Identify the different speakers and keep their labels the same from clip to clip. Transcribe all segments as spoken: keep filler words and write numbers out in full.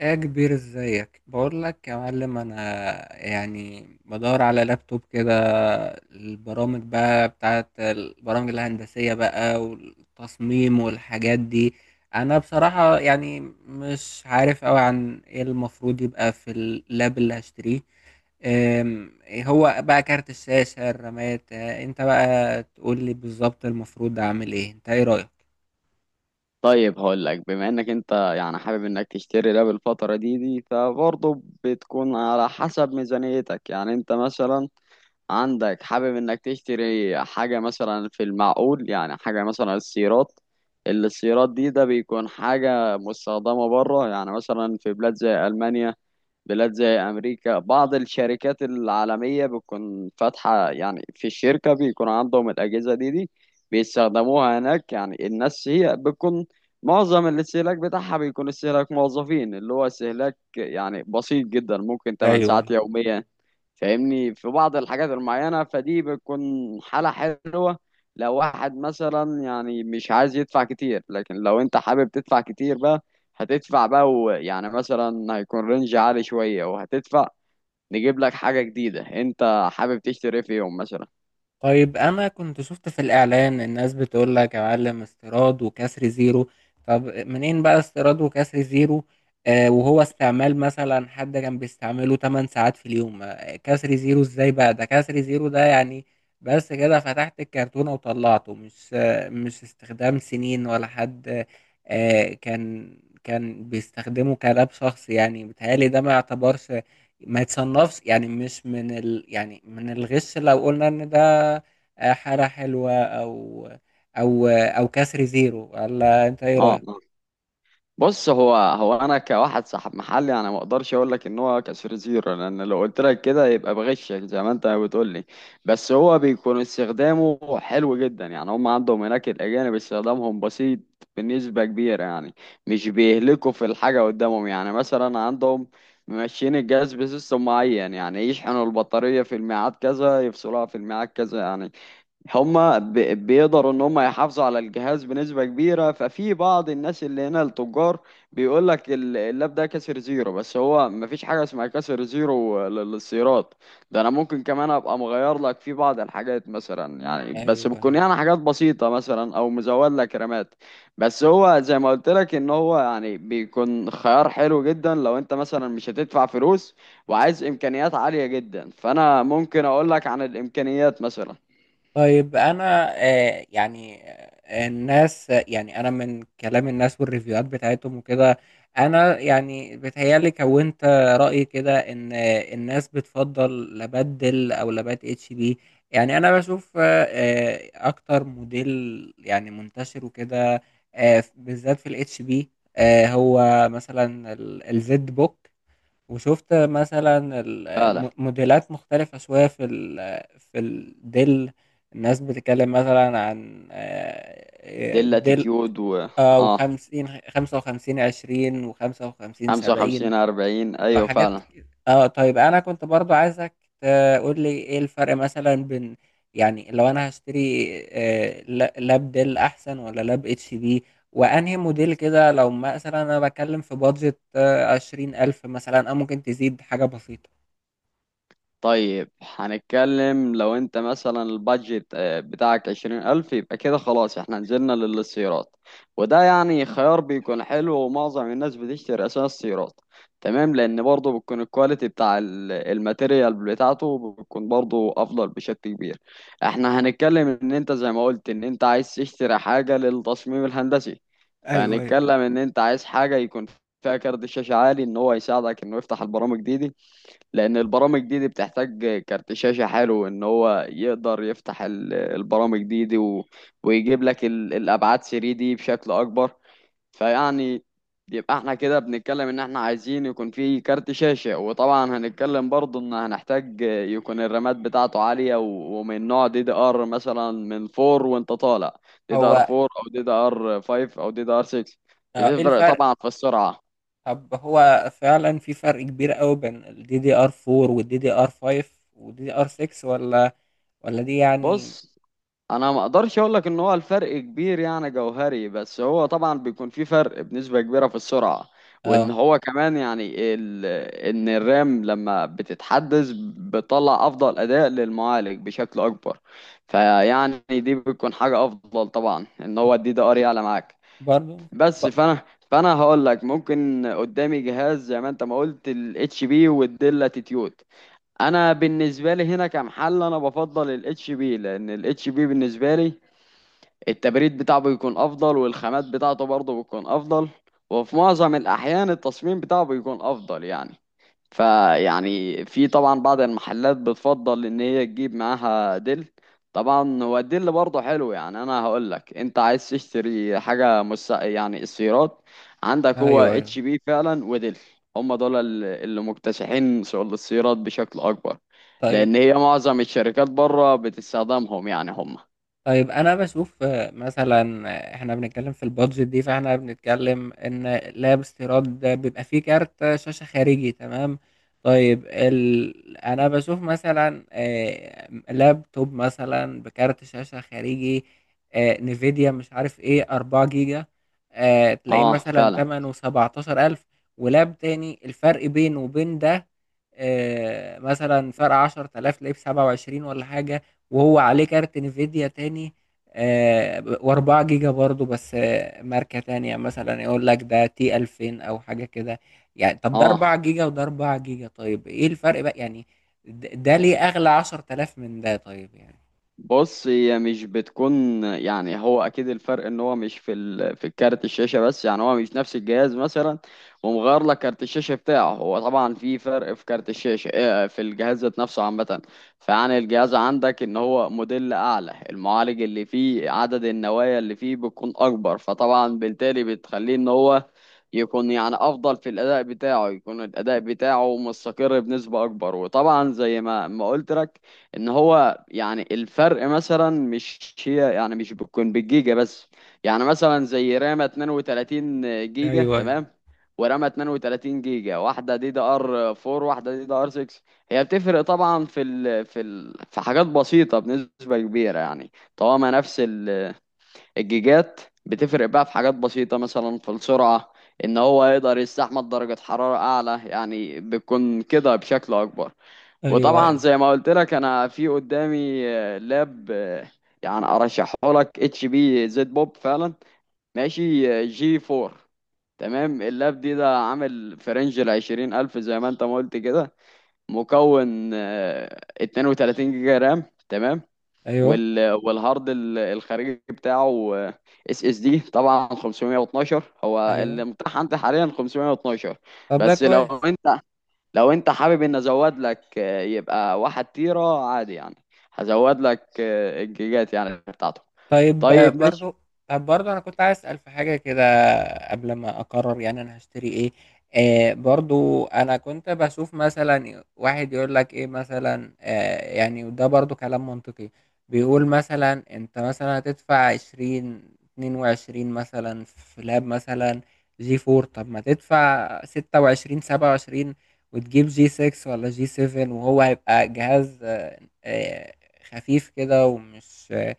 Speaker 1: ايه يا كبير، ازيك؟ بقول لك يا معلم، انا يعني بدور على لابتوب كده. البرامج بقى بتاعت البرامج الهندسية بقى والتصميم والحاجات دي. انا بصراحة يعني مش عارف قوي عن ايه المفروض يبقى في اللاب اللي هشتريه. أم، إيه هو بقى كارت الشاشة، الرامات؟ آه، انت بقى تقول لي بالظبط المفروض اعمل ايه، انت ايه رأيك؟
Speaker 2: طيب هقول لك بما انك انت يعني حابب انك تشتري ده بالفترة دي دي فبرضه بتكون على حسب ميزانيتك. يعني انت مثلا عندك حابب انك تشتري حاجة مثلا في المعقول، يعني حاجة مثلا السيارات السيارات دي. ده بيكون حاجة مستخدمة بره، يعني مثلا في بلاد زي ألمانيا، بلاد زي أمريكا. بعض الشركات العالمية بتكون فاتحة، يعني في الشركة بيكون عندهم الأجهزة دي دي بيستخدموها هناك. يعني الناس هي بتكون معظم الاستهلاك بتاعها بيكون استهلاك موظفين، اللي هو استهلاك يعني بسيط جدا، ممكن 8
Speaker 1: ايوه.
Speaker 2: ساعات يوميا. فاهمني؟ في بعض الحاجات المعينة، فدي بتكون حالة حلوة لو واحد مثلا يعني مش عايز يدفع كتير. لكن لو انت حابب تدفع كتير بقى، هتدفع بقى، ويعني مثلا هيكون رينج عالي شوية وهتدفع، نجيب لك حاجة جديدة انت حابب تشتري في يوم مثلا.
Speaker 1: طيب انا كنت شفت في الاعلان الناس بتقول لك يا معلم استيراد وكسر زيرو. طب منين بقى استيراد وكسر زيرو؟ آه وهو استعمال مثلا حد كان بيستعمله تمن ساعات في اليوم، آه كسر زيرو ازاي؟ بقى ده كسر زيرو ده يعني؟ بس كده فتحت الكرتونة وطلعته، مش آه مش استخدام سنين ولا حد. آه كان كان بيستخدمه كلاب شخص، يعني بيتهيألي ده ما يعتبرش، ما يتصنفش، يعني مش من ال... يعني من الغش لو قلنا ان ده آه، حالة حلوة، او او آه، او كسر زيرو، ولا انت ايه
Speaker 2: اه،
Speaker 1: رأيك؟
Speaker 2: بص، هو هو انا كواحد صاحب محلي انا ما اقدرش اقول لك ان هو كسر زيرو، لان لو قلت لك كده يبقى بغشك زي ما انت بتقول لي. بس هو بيكون استخدامه حلو جدا. يعني هم عندهم هناك الاجانب استخدامهم بسيط بنسبة كبيرة يعني، مش بيهلكوا في الحاجة قدامهم. يعني مثلا عندهم ماشيين الجهاز بسيستم معين، يعني يشحنوا البطارية في الميعاد كذا، يفصلوها في الميعاد كذا. يعني هما بي- بيقدروا ان هما يحافظوا على الجهاز بنسبة كبيرة. ففي بعض الناس اللي هنا التجار بيقول لك ال- اللاب ده كسر زيرو. بس هو مفيش حاجة اسمها كسر زيرو لل- للسيارات. ده انا ممكن كمان ابقى مغير لك في بعض الحاجات مثلا، يعني بس بتكون
Speaker 1: ايوه.
Speaker 2: يعني حاجات بسيطة، مثلا او مزود لك رامات. بس هو زي ما قلت لك ان هو يعني بيكون خيار حلو جدا لو انت مثلا مش هتدفع فلوس وعايز امكانيات عالية جدا. فانا ممكن اقول لك عن الامكانيات مثلا.
Speaker 1: طيب انا آه يعني، آه، الناس يعني، انا من كلام الناس والريفيوهات بتاعتهم وكده، انا يعني بتهيالي كونت رأي كده ان آه، الناس بتفضل لابات ديل او لابات اتش بي. يعني انا بشوف آه آه، اكتر موديل يعني منتشر وكده، آه بالذات في الاتش بي. آه هو مثلا الزد بوك. وشُفت مثلًا ال
Speaker 2: فعلا،
Speaker 1: م موديلات مختلفة شوية في ال في الدِل، الناس بتتكلّم مثلًا عن
Speaker 2: دي
Speaker 1: آآ دِل،
Speaker 2: الاتيتيود. و
Speaker 1: آه،
Speaker 2: اه،
Speaker 1: و50 خ خمسة وخمسين، عشرين و55، سبعين.
Speaker 2: خمسة وخمسين اربعين،
Speaker 1: اه،
Speaker 2: ايوه
Speaker 1: حاجات
Speaker 2: فعلا.
Speaker 1: ك- اه طيب انا كنت برضو عايزك تقول لي ايه الفرق مثلا بين، يعني لو انا هشتري آه، لا- لاب ديل احسن ولا لاب اتش بي، وانهي موديل كده، لو مثلا انا بتكلم في بادجت عشرين الف مثلا، او ممكن تزيد حاجة بسيطة.
Speaker 2: طيب، هنتكلم لو انت مثلا البادجت آه، بتاعك عشرين ألف، يبقى كده خلاص احنا نزلنا للسيارات. وده يعني خيار بيكون حلو، ومعظم الناس بتشتري أساس السيارات. تمام، لأن برضه بتكون الكواليتي بتاع ال- الماتيريال بتاعته بتكون برضه أفضل بشكل كبير. احنا هنتكلم ان انت زي ما قلت ان انت عايز تشتري حاجة للتصميم الهندسي.
Speaker 1: ايوه، ايوه.
Speaker 2: فهنتكلم ان انت عايز حاجة يكون فيها كارت شاشة عالي، ان هو يساعدك انه يفتح البرامج دي, دي، لان البرامج دي, دي بتحتاج كارت شاشة حلو ان هو يقدر يفتح ال- البرامج دي, دي و... ويجيب لك ال... الابعاد 3 دي بشكل اكبر. فيعني، يبقى احنا كده بنتكلم ان احنا عايزين يكون في كارت شاشة. وطبعا هنتكلم برضه ان هنحتاج يكون الرامات بتاعته عالية و... ومن نوع دي دي ار مثلا من اربعة وانت طالع، دي دي ار
Speaker 1: هو،
Speaker 2: اربعة او دي دي ار خمسة او دي دي ار ستة.
Speaker 1: آه، ايه
Speaker 2: بتفرق
Speaker 1: الفرق؟
Speaker 2: طبعا في السرعة.
Speaker 1: طب هو فعلا في فرق كبير قوي بين الدي دي ار اربعة والدي دي ار فايف والدي دي ار سكس، ولا ولا دي يعني؟
Speaker 2: بص، انا ما اقدرش اقول لك ان هو الفرق كبير يعني جوهري، بس هو طبعا بيكون في فرق بنسبة كبيرة في السرعة. وان
Speaker 1: اه،
Speaker 2: هو كمان يعني ال... ان الرام لما بتتحدث بتطلع افضل اداء للمعالج بشكل اكبر. فيعني دي بتكون حاجة افضل طبعا، ان هو الدي دي ار يعلى معاك.
Speaker 1: برضو ب...
Speaker 2: بس فانا فانا هقول لك ممكن قدامي جهاز زي ما انت ما قلت، الاتش بي والديل اتيتيود. انا بالنسبه لي هنا كمحل انا بفضل الاتش بي، لان الاتش بي بالنسبه لي التبريد بتاعه بيكون افضل، والخامات بتاعته برضه بتكون افضل، وفي معظم الاحيان التصميم بتاعه بيكون افضل يعني. فيعني في طبعا بعض المحلات بتفضل ان هي تجيب معاها ديل. طبعا هو الديل برضه حلو. يعني انا هقول لك انت عايز تشتري حاجه مس... يعني السيارات عندك هو
Speaker 1: ايوه، ايوه،
Speaker 2: اتش بي فعلا وديل. هم دول ال- اللي مكتسحين سوق السيارات بشكل اكبر.
Speaker 1: طيب.
Speaker 2: لان هي معظم الشركات بره بتستخدمهم يعني هم.
Speaker 1: طيب انا بشوف آه، مثلا، آه، احنا بنتكلم في البادجت دي، فاحنا بنتكلم ان لاب استيراد ده بيبقى فيه كارت شاشة خارجي، تمام. طيب ال... انا بشوف مثلا آه، لابتوب مثلا بكارت شاشة خارجي، آه، نيفيديا مش عارف ايه، اربعة جيجا. آه، تلاقيه
Speaker 2: اه
Speaker 1: مثلا
Speaker 2: فعلا.
Speaker 1: تمنه سبعة عشر الف، ولاب تاني الفرق بينه وبين ده آه، مثلا فرق عشر الاف. تلاقيه ب سبعة وعشرين ولا حاجة، وهو عليه كارت انفيديا تاني، آه واربعة جيجا برضو، بس آه ماركة تانية مثلا، يقول لك ده تي الفين او حاجة كده. يعني طب ده
Speaker 2: اه،
Speaker 1: اربعة جيجا وده اربعة جيجا، طيب ايه الفرق بقى يعني؟ د- ده ليه اغلى عشر تلاف من ده طيب يعني؟
Speaker 2: بص، هي مش بتكون يعني، هو اكيد الفرق ان هو مش في ال... في الكارت الشاشه بس. يعني هو مش نفس الجهاز مثلا ومغير لك كارت الشاشه بتاعه. هو طبعا في فرق في كارت الشاشه، آه، في الجهاز ذات نفسه عامه. فيعني الجهاز عندك ان هو موديل اعلى، المعالج اللي فيه، عدد النوايا اللي فيه بتكون اكبر. فطبعا بالتالي بتخليه ان هو يكون يعني افضل في الاداء بتاعه، يكون الاداء بتاعه مستقر بنسبه اكبر. وطبعا زي ما ما قلت لك ان هو يعني الفرق مثلا مش هي يعني مش بتكون بالجيجا بس. يعني مثلا زي رامة اثنين وثلاثين جيجا
Speaker 1: ايوه، ايوه،
Speaker 2: تمام، ورامة اثنين وثلاثين جيجا، واحدة دي دي ار اربعة واحدة دي دي ار ستة. هي بتفرق طبعا في ال في ال في حاجات بسيطة بنسبة كبيرة يعني. طالما نفس ال- الجيجات، بتفرق بقى في حاجات بسيطة مثلا في السرعة، ان هو يقدر يستحمل درجة حرارة اعلى يعني، بتكون كده بشكل اكبر.
Speaker 1: ايوه،
Speaker 2: وطبعا
Speaker 1: ايوه،
Speaker 2: زي ما قلت لك، انا في قدامي آه، لاب، آه، يعني ارشحه لك، اتش بي زد بوب فعلا، ماشي، آه، جي اربعة تمام. اللاب دي ده عامل في رينج ال عشرين الف زي ما انت ما قلت كده، مكون آه، اثنين وثلاثين جيجا رام تمام.
Speaker 1: ايوه،
Speaker 2: وال، والهارد ال- الخارجي بتاعه اس اس دي طبعا خمسمائة واثنا عشر، هو
Speaker 1: ايوه.
Speaker 2: اللي متاح عندي حاليا خمسميه واتناشر.
Speaker 1: طب ده
Speaker 2: بس لو
Speaker 1: كويس.
Speaker 2: انت، لو انت حابب ان ازود لك، آه، يبقى واحد تيرة عادي يعني، هزود لك آه، الجيجات يعني بتاعته.
Speaker 1: طيب آه،
Speaker 2: طيب ماشي.
Speaker 1: برضو. طب برضو انا كنت عايز اسال في حاجه كده قبل ما اقرر يعني انا هشتري ايه. آه برضو انا كنت بشوف مثلا واحد يقول لك ايه مثلا آه يعني، وده برضو كلام منطقي. بيقول مثلا، انت مثلا هتدفع عشرين، اتنين وعشرين مثلا في لاب مثلا جي فور. طب ما تدفع ستة وعشرين، سبعة وعشرين، وتجيب جي سكس ولا جي سيفن، وهو هيبقى جهاز آه آه، خفيف كده ومش آه،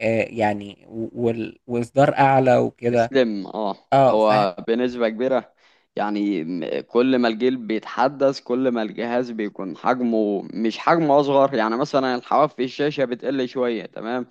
Speaker 1: آآ يعني و وال وإصدار أعلى وكده.
Speaker 2: اسلم اه.
Speaker 1: آه، فه
Speaker 2: هو بنسبة كبيرة يعني م- كل ما الجيل بيتحدث كل ما الجهاز بيكون حجمه مش حجمه اصغر. يعني مثلا الحواف في الشاشة بتقل شوية تمام.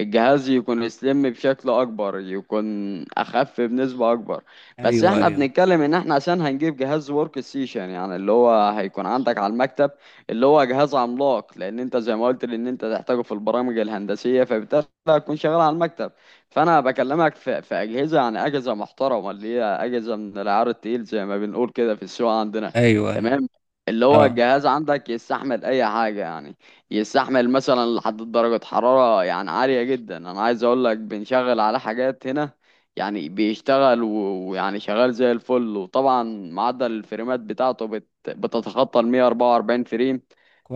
Speaker 2: الجهاز يكون سليم بشكل اكبر، يكون اخف بنسبة اكبر. بس
Speaker 1: أيوه،
Speaker 2: احنا
Speaker 1: أيوه،
Speaker 2: بنتكلم ان احنا عشان هنجيب جهاز ورك ستيشن، يعني اللي هو هيكون عندك على المكتب اللي هو جهاز عملاق، لان انت زي ما قلت لان انت تحتاجه في البرامج الهندسية. فبالتالي هتكون شغال على المكتب. فانا بكلمك في, في اجهزة، يعني اجهزة محترمة، اللي هي اجهزة من العيار التقيل زي ما بنقول كده في السوق عندنا.
Speaker 1: أيوه، أيوه،
Speaker 2: تمام، اللي هو
Speaker 1: آه،
Speaker 2: الجهاز عندك يستحمل اي حاجة يعني. يستحمل مثلا لحد درجة حرارة يعني عالية جدا. انا عايز اقول لك بنشغل على حاجات هنا، يعني بيشتغل و- ويعني شغال زي الفل. وطبعا معدل الفريمات بتاعته بت... بتتخطى ال مائة واربعة واربعين فريم.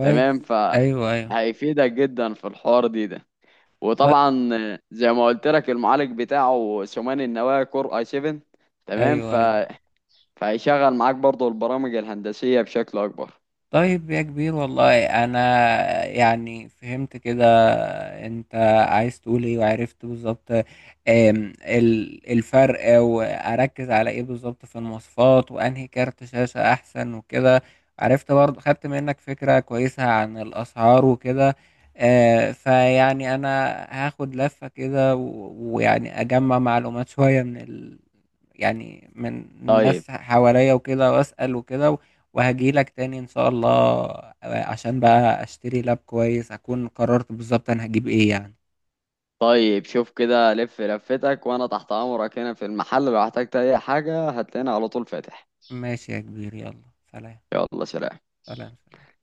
Speaker 2: تمام ف،
Speaker 1: أيوه، أيوه،
Speaker 2: هيفيدك جدا في الحوار دي ده.
Speaker 1: طي
Speaker 2: وطبعا زي ما قلت لك المعالج بتاعه ثماني النواة، كور اي سبعة تمام
Speaker 1: أيوه،
Speaker 2: ف...
Speaker 1: أيوه.
Speaker 2: فهيشغل معاك برضو البرامج الهندسية بشكل اكبر.
Speaker 1: طيب يا كبير، والله انا يعني فهمت كده انت عايز تقول ايه، وعرفت بالظبط آم، ال- الفرق، واركز على ايه بالظبط في المواصفات، وانهي كارت شاشة احسن وكده. عرفت برضه، خدت منك فكرة كويسة عن الاسعار وكده. آه، فيعني انا هاخد لفة كده و- ويعني اجمع معلومات شوية من ال... يعني من
Speaker 2: طيب.
Speaker 1: ناس حواليا وكده، واسأل وكده، وهاجيلك تاني إن شاء الله، عشان بقى أشتري لاب كويس أكون قررت بالظبط أنا هجيب إيه يعني.
Speaker 2: طيب شوف كده، لف لفتك وانا تحت امرك هنا في المحل. لو احتجت اي حاجة هتلاقيني على طول فاتح.
Speaker 1: ماشي يا كبير، يلا. سلام.
Speaker 2: يلا سلام.
Speaker 1: سلام.